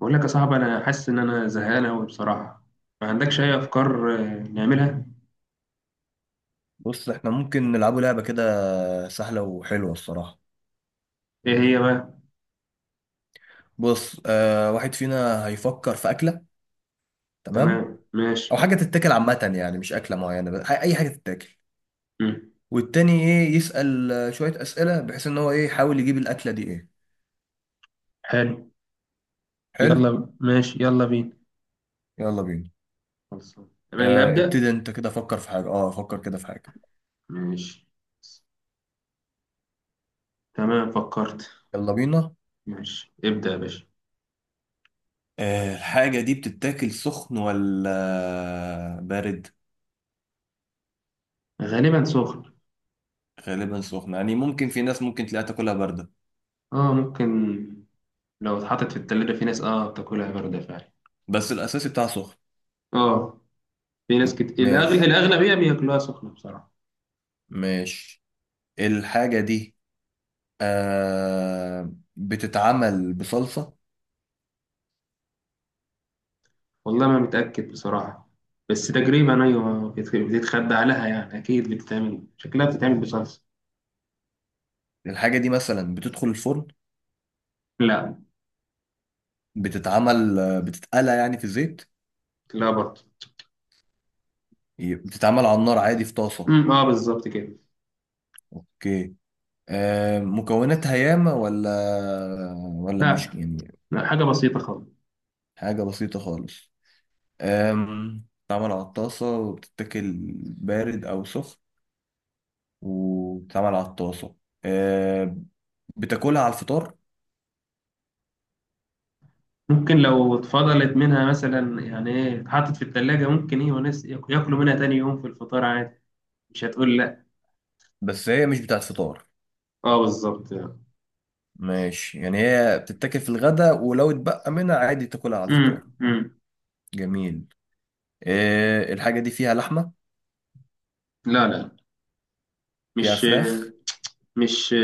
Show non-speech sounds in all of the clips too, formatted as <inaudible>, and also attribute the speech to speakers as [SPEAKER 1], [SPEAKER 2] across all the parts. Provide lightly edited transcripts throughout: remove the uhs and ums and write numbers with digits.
[SPEAKER 1] بقول لك يا صاحبي، انا حاسس ان انا زهقان قوي بصراحه. ما عندكش اي افكار؟ نعملها
[SPEAKER 2] بص، احنا ممكن نلعبوا لعبة كده سهلة وحلوة الصراحة.
[SPEAKER 1] ايه هي بقى؟
[SPEAKER 2] بص، واحد فينا هيفكر في أكلة.
[SPEAKER 1] تمام
[SPEAKER 2] تمام.
[SPEAKER 1] ماشي.
[SPEAKER 2] أو حاجة تتاكل عامة، يعني مش أكلة معينة بس أي حاجة تتاكل.
[SPEAKER 1] مم.
[SPEAKER 2] والتاني إيه، يسأل شوية أسئلة بحيث إن هو إيه يحاول يجيب الأكلة دي إيه.
[SPEAKER 1] حلو.
[SPEAKER 2] حلو.
[SPEAKER 1] يلا ماشي، يلا بينا.
[SPEAKER 2] يلا بينا.
[SPEAKER 1] خلصان. انا اللي ابدا.
[SPEAKER 2] ابتدي أنت كده، فكر في حاجة. فكر كده في حاجة.
[SPEAKER 1] ماشي. تمام فكرت.
[SPEAKER 2] يلا بينا.
[SPEAKER 1] ماشي ابدا يا باشا.
[SPEAKER 2] الحاجة دي بتتاكل سخن ولا بارد؟
[SPEAKER 1] غالبا سخن.
[SPEAKER 2] غالبا سخن، يعني ممكن في ناس ممكن تلاقيها تاكلها باردة.
[SPEAKER 1] اه ممكن. لو اتحطت في التلاجة في ناس بتاكلها باردة فعلا.
[SPEAKER 2] بس الأساسي بتاعها سخن.
[SPEAKER 1] اه. في ناس كتير
[SPEAKER 2] ماشي.
[SPEAKER 1] الاغلبيه بياكلوها سخنه بصراحه.
[SPEAKER 2] ماشي. الحاجة دي بتتعمل بصلصة.
[SPEAKER 1] والله ما متأكد بصراحة. بس تقريبا أيوة بتتخبى عليها يعني، أكيد بتتعمل، شكلها بتتعمل بصلصة.
[SPEAKER 2] الحاجة دي مثلا بتدخل الفرن؟
[SPEAKER 1] لا.
[SPEAKER 2] بتتعمل بتتقلى يعني في الزيت؟
[SPEAKER 1] لا برضه.
[SPEAKER 2] بتتعمل على النار عادي في طاسة؟
[SPEAKER 1] اه بالظبط كده.
[SPEAKER 2] اوكي. مكوناتها ياما ولا
[SPEAKER 1] لا،
[SPEAKER 2] مش يعني؟
[SPEAKER 1] لا، حاجة بسيطة خالص.
[SPEAKER 2] حاجة بسيطة خالص. بتتعمل على الطاسة وبتتاكل بارد أو سخن وبتتعمل على الطاسة. آه بتاكلها على الفطار؟
[SPEAKER 1] ممكن لو اتفضلت منها مثلا يعني ايه، اتحطت في التلاجة، ممكن ايه وناس ياكلوا منها تاني يوم في الفطار عادي. مش هتقول لا.
[SPEAKER 2] بس هي مش بتاعت فطار.
[SPEAKER 1] اه بالظبط.
[SPEAKER 2] ماشي، يعني هي بتتاكل في الغداء ولو اتبقى منها عادي تاكلها على الفطار.
[SPEAKER 1] امم، امم.
[SPEAKER 2] جميل. إيه، الحاجة دي فيها لحمة؟
[SPEAKER 1] لا، لا،
[SPEAKER 2] فيها
[SPEAKER 1] مش
[SPEAKER 2] فراخ؟
[SPEAKER 1] مش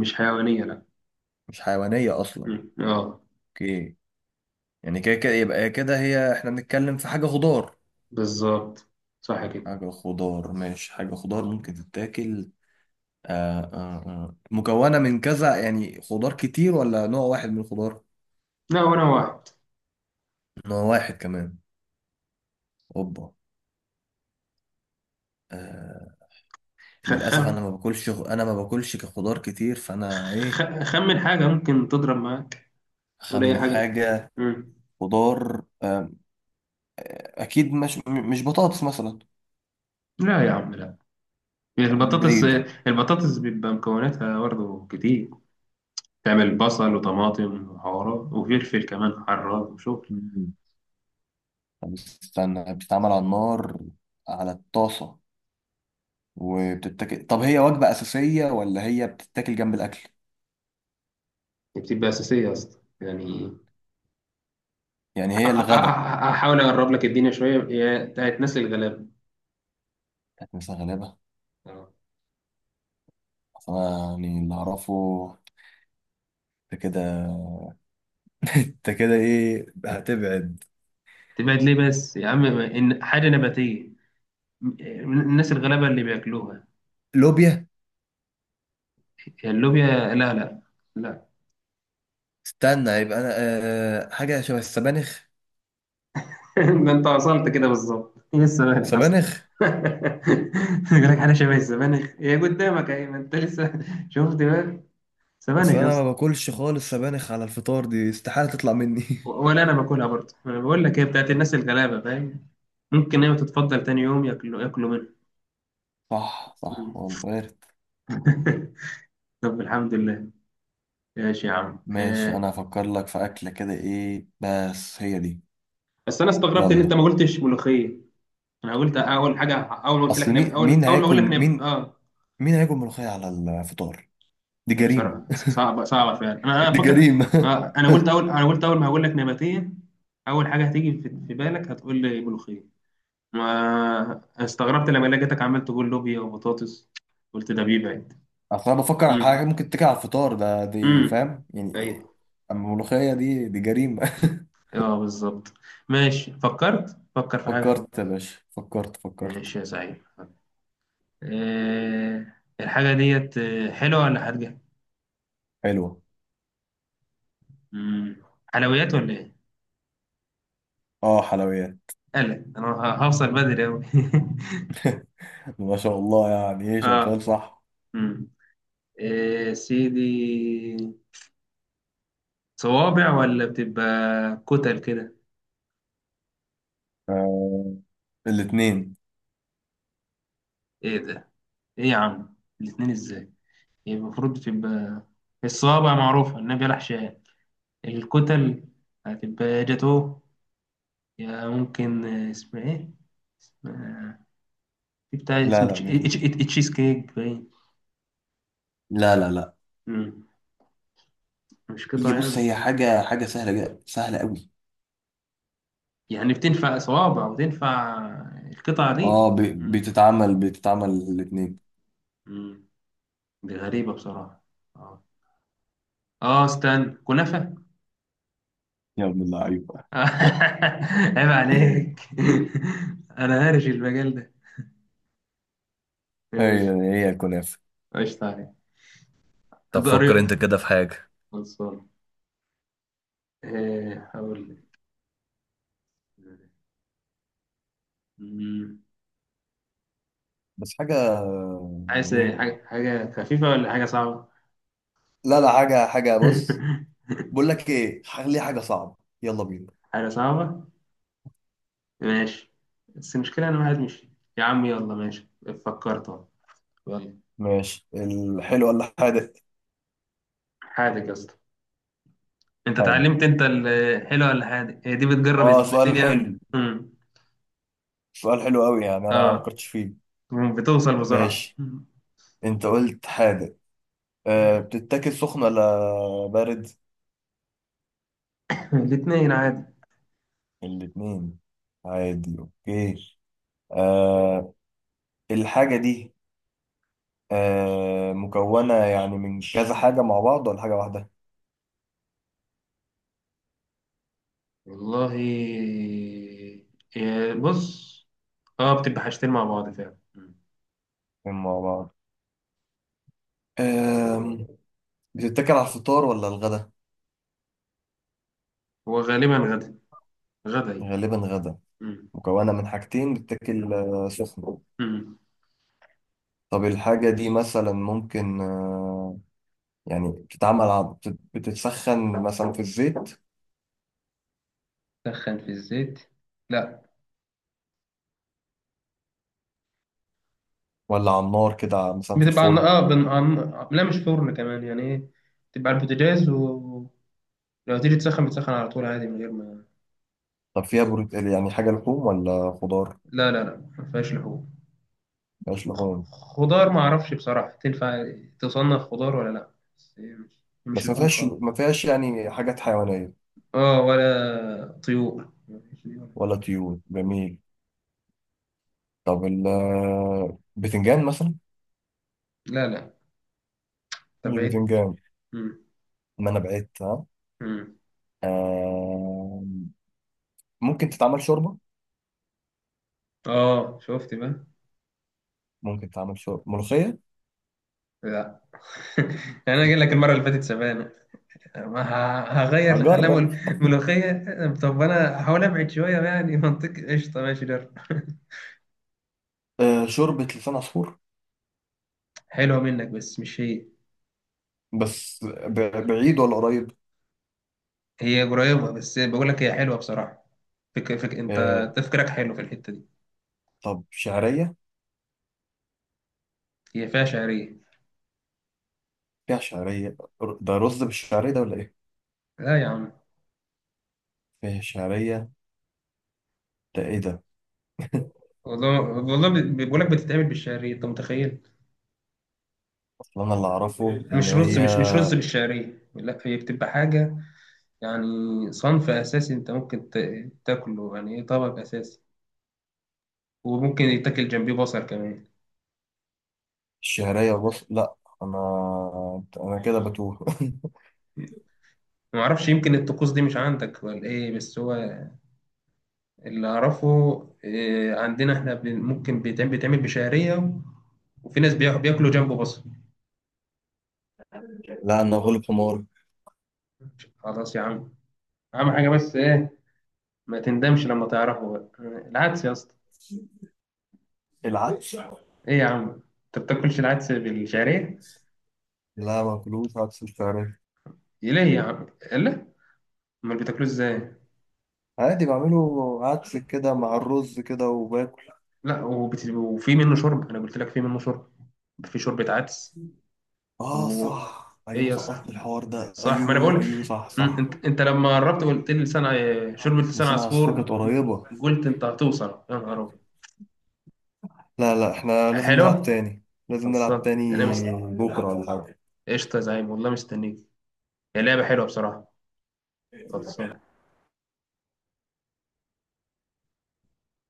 [SPEAKER 1] مش حيوانية. لا.
[SPEAKER 2] مش حيوانية أصلا.
[SPEAKER 1] اه
[SPEAKER 2] اوكي، يعني كده كده يبقى كده هي احنا بنتكلم في حاجة خضار.
[SPEAKER 1] بالظبط. صح كده.
[SPEAKER 2] حاجة خضار، ماشي حاجة خضار ممكن تتاكل. مكونة من كذا، يعني خضار كتير ولا نوع واحد من الخضار؟
[SPEAKER 1] لا، وانا واحد.
[SPEAKER 2] نوع واحد كمان. اوبا. آه للأسف أنا
[SPEAKER 1] خخم
[SPEAKER 2] ما باكلش، كخضار كتير فأنا إيه.
[SPEAKER 1] خمن حاجة ممكن تضرب معاك. قول أي
[SPEAKER 2] أخمن
[SPEAKER 1] حاجة.
[SPEAKER 2] حاجة.
[SPEAKER 1] مم.
[SPEAKER 2] خضار، اكيد مش مش بطاطس مثلا.
[SPEAKER 1] لا يا عم، لا.
[SPEAKER 2] دي
[SPEAKER 1] البطاطس،
[SPEAKER 2] بعيده.
[SPEAKER 1] البطاطس بيبقى مكوناتها برضه كتير، تعمل بصل وطماطم وحوارات وفلفل كمان حراق وشغل.
[SPEAKER 2] مم. طب استنى، بتتعمل على النار على الطاسه وبتتاكل. طب هي وجبه اساسيه ولا هي بتتاكل جنب الاكل؟
[SPEAKER 1] دي بتبقى أساسية يا اسطى يعني.
[SPEAKER 2] يعني هي الغدا
[SPEAKER 1] هحاول أقرب لك الدنيا شوية، هي بتاعت ناس الغلابة.
[SPEAKER 2] كانت مثلا غالبا.
[SPEAKER 1] آه.
[SPEAKER 2] أصل انا يعني اللي اعرفه. انت كده انت كده ايه هتبعد.
[SPEAKER 1] تبعد ليه بس يا عم إن حاجة نباتية. م- الناس الغلابة اللي بياكلوها.
[SPEAKER 2] لوبيا؟
[SPEAKER 1] هي اللوبيا. لا، لا، لا.
[SPEAKER 2] استنى، يبقى انا حاجه شبه السبانخ.
[SPEAKER 1] <laughs> ده انت وصلت كده بالظبط، هي السبانخ اصلا.
[SPEAKER 2] سبانخ؟
[SPEAKER 1] <laughs> يقول لك حاجه شبه السبانخ، هي قدامك اهي، ما انت لسه <laughs> شفت بقى.
[SPEAKER 2] اصل
[SPEAKER 1] سبانخ يا
[SPEAKER 2] انا ما
[SPEAKER 1] اسطى.
[SPEAKER 2] باكلش خالص سبانخ على الفطار، دي استحاله تطلع مني. <laughs>
[SPEAKER 1] ولا انا باكلها برضه، انا بقول لك هي بتاعت الناس الغلابه فاهم؟ ممكن هي تتفضل تاني يوم ياكلوا منها.
[SPEAKER 2] صح، صح،
[SPEAKER 1] مم.
[SPEAKER 2] والله وارد.
[SPEAKER 1] <laughs> طب الحمد لله. ماشي يا عم.
[SPEAKER 2] ماشي،
[SPEAKER 1] آه.
[SPEAKER 2] انا هفكر لك في اكله كده ايه بس هي دي.
[SPEAKER 1] بس انا استغربت ان انت
[SPEAKER 2] يلا.
[SPEAKER 1] ما قلتش ملوخيه. انا قلت اول حاجه، اول ما قلت لك
[SPEAKER 2] اصل
[SPEAKER 1] نب... اول اول ما اقول لك نب... اه.
[SPEAKER 2] مين هياكل ملوخيه على الفطار. دي
[SPEAKER 1] لا
[SPEAKER 2] جريمه.
[SPEAKER 1] بصراحة صعبة صعبة فعلا، أنا
[SPEAKER 2] دي
[SPEAKER 1] فاكر.
[SPEAKER 2] جريمه. <laughs>
[SPEAKER 1] أنا قلت أول ما هقول لك نباتية، أول حاجة هتيجي في بالك هتقول لي ملوخية. ما استغربت لما لقيتك عمال تقول لوبيا وبطاطس، قلت ده بيبعد.
[SPEAKER 2] اصل انا بفكر على حاجه
[SPEAKER 1] امم،
[SPEAKER 2] ممكن تيجي على الفطار ده، دي
[SPEAKER 1] امم.
[SPEAKER 2] فاهم يعني إيه؟
[SPEAKER 1] أيوه.
[SPEAKER 2] اما الملوخيه دي، دي جريمه.
[SPEAKER 1] أه بالظبط. ماشي فكرت، فكر
[SPEAKER 2] <laughs>
[SPEAKER 1] في حاجة.
[SPEAKER 2] فكرت يا باشا، فكرت، فكرت.
[SPEAKER 1] ماشي يا سعيد. أه الحاجة ديت حلوة ولا حادقة؟
[SPEAKER 2] حلوه.
[SPEAKER 1] امم. حلويات ولا إيه؟
[SPEAKER 2] اه، حلويات.
[SPEAKER 1] قلق، أنا هوصل بدري أوي. <laughs>
[SPEAKER 2] <laughs> ما شاء الله، يعني ايه، شغال
[SPEAKER 1] أه.
[SPEAKER 2] صح.
[SPEAKER 1] مم. إيه سيدي، صوابع ولا بتبقى كتل كده؟
[SPEAKER 2] آه، الاتنين.
[SPEAKER 1] ايه ده؟ ايه يا عم، الاتنين ازاي؟ يبقى المفروض بتبقى الصوابع معروفة النبي عليه حشان. الكتل هتبقى يا جاتو، يا ممكن اسمها ايه، اسمها، في بتاع
[SPEAKER 2] لا،
[SPEAKER 1] اسمه
[SPEAKER 2] لا، مش دي.
[SPEAKER 1] تشيز كيك باين.
[SPEAKER 2] لا، لا، لا.
[SPEAKER 1] مم، مش قطع
[SPEAKER 2] هي بص،
[SPEAKER 1] يعني؟
[SPEAKER 2] هي حاجة سهلة جدا، سهلة قوي.
[SPEAKER 1] يعني بتنفع صوابع وتنفع القطع دي؟
[SPEAKER 2] اه،
[SPEAKER 1] مم،
[SPEAKER 2] بتتعمل الاتنين.
[SPEAKER 1] مم، دي غريبة بصراحة. اه. استنى، كنافة!
[SPEAKER 2] يا ابن اللعيبة.
[SPEAKER 1] <laughs>
[SPEAKER 2] <laughs>
[SPEAKER 1] عيب عليك. <laughs> انا هارش المجال ده.
[SPEAKER 2] هي،
[SPEAKER 1] ماشي.
[SPEAKER 2] هي الكنافة.
[SPEAKER 1] قشطة عليك.
[SPEAKER 2] طب فكر
[SPEAKER 1] ضريء.
[SPEAKER 2] انت كده في حاجة.
[SPEAKER 1] خلصان. هقول لك. مم.
[SPEAKER 2] بس حاجة.
[SPEAKER 1] عايز
[SPEAKER 2] يعني
[SPEAKER 1] إيه؟
[SPEAKER 2] ايه؟
[SPEAKER 1] حاجة خفيفة ولا حاجة صعبة؟
[SPEAKER 2] لا، لا، حاجة بص.
[SPEAKER 1] <laughs>
[SPEAKER 2] بقول لك ايه، خلي حاجة صعبة. يلا بينا.
[SPEAKER 1] حاجة صعبة؟ ماشي. بس المشكلة، أنا واحد مش، يا عم يلا ماشي، فكرت أهو. يلا.
[SPEAKER 2] ماشي، الحلو ولا حادث؟
[SPEAKER 1] حادق يا اسطى. أنت
[SPEAKER 2] حادث.
[SPEAKER 1] اتعلمت؟ أنت الحلوة ولا حادق؟ هي دي بتجرب
[SPEAKER 2] اه، سؤال
[SPEAKER 1] الدنيا.
[SPEAKER 2] حلو.
[SPEAKER 1] مم.
[SPEAKER 2] سؤال حلو قوي، يعني انا ما
[SPEAKER 1] أه،
[SPEAKER 2] فكرتش فيه.
[SPEAKER 1] بتوصل بسرعة.
[SPEAKER 2] ماشي، انت قلت حادث. بتتاكل سخن ولا بارد؟
[SPEAKER 1] <laughs> الاتنين عادي.
[SPEAKER 2] الاثنين عادي. اوكي. آه الحاجة دي، مكونة يعني من كذا حاجة مع بعض ولا حاجة واحدة؟
[SPEAKER 1] والله، إيه، بص، اه بتبقى حاجتين مع بعض فعلا. مم.
[SPEAKER 2] اتنين مع بعض. آه بتتاكل على الفطار ولا الغدا؟
[SPEAKER 1] هو غالبا غدا، غدا هي.
[SPEAKER 2] غالبا غدا.
[SPEAKER 1] مم.
[SPEAKER 2] مكونة من حاجتين بتتاكل سخنة.
[SPEAKER 1] مم.
[SPEAKER 2] طب الحاجة دي مثلا ممكن يعني بتتعمل بتتسخن مثلا في الزيت؟
[SPEAKER 1] تسخن في الزيت؟ لا.
[SPEAKER 2] ولا على النار كده مثلا في
[SPEAKER 1] بتبقى عن...
[SPEAKER 2] الفرن؟
[SPEAKER 1] اه بن... عن... لا، مش فرن كمان، يعني ايه، بتبقى على البوتاجاز، ولو تيجي تسخن بتسخن على طول عادي من غير ما...
[SPEAKER 2] طب فيها بروت، يعني حاجة لحوم ولا خضار؟
[SPEAKER 1] لا، لا، لا، ما فيهاش لحوم.
[SPEAKER 2] مفيهاش
[SPEAKER 1] خ-
[SPEAKER 2] لحوم.
[SPEAKER 1] خضار ما اعرفش بصراحة تنفع تصنف خضار ولا لا، بس هي مش
[SPEAKER 2] بس ما
[SPEAKER 1] لحوم
[SPEAKER 2] فيهاش
[SPEAKER 1] خالص.
[SPEAKER 2] ما فيهاش يعني حاجات حيوانية.
[SPEAKER 1] اه، ولا طيور، مفيش طيور.
[SPEAKER 2] ولا طيور. جميل. طب بتنجان مثلا؟
[SPEAKER 1] لا، لا،
[SPEAKER 2] مش
[SPEAKER 1] تبعت.
[SPEAKER 2] بتنجان؟
[SPEAKER 1] مم.
[SPEAKER 2] ما انا بعدت ها.
[SPEAKER 1] مم.
[SPEAKER 2] آه ممكن تتعمل شوربة.
[SPEAKER 1] اه شفت بقى.
[SPEAKER 2] ممكن تتعمل شوربة ملوخية؟
[SPEAKER 1] لا. <laughs> انا جاي لك المره اللي فاتت سبانه، ما هغير الغلاء
[SPEAKER 2] اجرب.
[SPEAKER 1] ملوخيه. طب انا هحاول ابعد شويه يعني، منطقي قشطه ماشي ده.
[SPEAKER 2] شوربة لسان عصفور.
[SPEAKER 1] <laughs> حلوه منك بس مش هي.
[SPEAKER 2] بس بعيد ولا قريب؟
[SPEAKER 1] هي قريبه بس بقول لك هي حلوه بصراحه.
[SPEAKER 2] آه
[SPEAKER 1] انت تفكيرك حلو في الحته دي.
[SPEAKER 2] طب شعرية؟
[SPEAKER 1] هي فيها شعريه.
[SPEAKER 2] فيها شعرية؟ ده رز بالشعرية ده ولا ايه؟
[SPEAKER 1] لا يا عم.
[SPEAKER 2] فيها شعرية. ده ايه ده؟
[SPEAKER 1] والله والله، بقول لك بتتعمل بالشعريه انت متخيل؟
[SPEAKER 2] اصل انا اللي اعرفه ان
[SPEAKER 1] مش رز،
[SPEAKER 2] هي
[SPEAKER 1] مش رز بالشعريه، لا هي بتبقى حاجه يعني، صنف أساسي أنت ممكن تاكله يعني، إيه، طبق أساسي، وممكن يتاكل جنبيه بصل كمان.
[SPEAKER 2] الشعرية، بص لا. انا كده بتوه. <laughs>
[SPEAKER 1] معرفش، يمكن الطقوس دي مش عندك ولا إيه، بس هو اللي أعرفه إيه، عندنا إحنا ممكن بيتعمل بشعرية، وفي ناس بياكلوا جنبه بصل.
[SPEAKER 2] لا، انا غلب حمار.
[SPEAKER 1] خلاص يا عم، أهم حاجة بس إيه، ما تندمش لما تعرفه بقى، العدس يا اسطى.
[SPEAKER 2] العدس؟
[SPEAKER 1] إيه يا عم، أنت بتاكلش العدس بالشعرية؟
[SPEAKER 2] لا، ما باكلوش عدس بالفراخ.
[SPEAKER 1] إيه ليه يا عم؟ إلا، أمال بتاكلوه إزاي؟
[SPEAKER 2] عادي، بعمله عدس كده مع الرز كده وباكل.
[SPEAKER 1] لا، وفي منه شرب، انا قلت لك في منه شرب، في شوربه عدس.
[SPEAKER 2] اه،
[SPEAKER 1] و...
[SPEAKER 2] صح،
[SPEAKER 1] ايه
[SPEAKER 2] ايوه،
[SPEAKER 1] يا اسطى،
[SPEAKER 2] سقطت الحوار ده،
[SPEAKER 1] صح، ما انا
[SPEAKER 2] ايوه،
[SPEAKER 1] بقول،
[SPEAKER 2] ايوه، صح، صح.
[SPEAKER 1] انت لما قربت وقلت لي شوربه لسان
[SPEAKER 2] لسان عصفور كانت
[SPEAKER 1] عصفور،
[SPEAKER 2] قريبة.
[SPEAKER 1] قلت انت هتوصل يا نهار ابيض.
[SPEAKER 2] لا، لا، احنا لازم نلعب
[SPEAKER 1] حلو.
[SPEAKER 2] تاني. لازم نلعب
[SPEAKER 1] خلصان.
[SPEAKER 2] تاني.
[SPEAKER 1] انا
[SPEAKER 2] بكرة ولا حاجة؟
[SPEAKER 1] قشطه يا زعيم والله مستنيك. هي لعبه حلوه بصراحه. خلصان.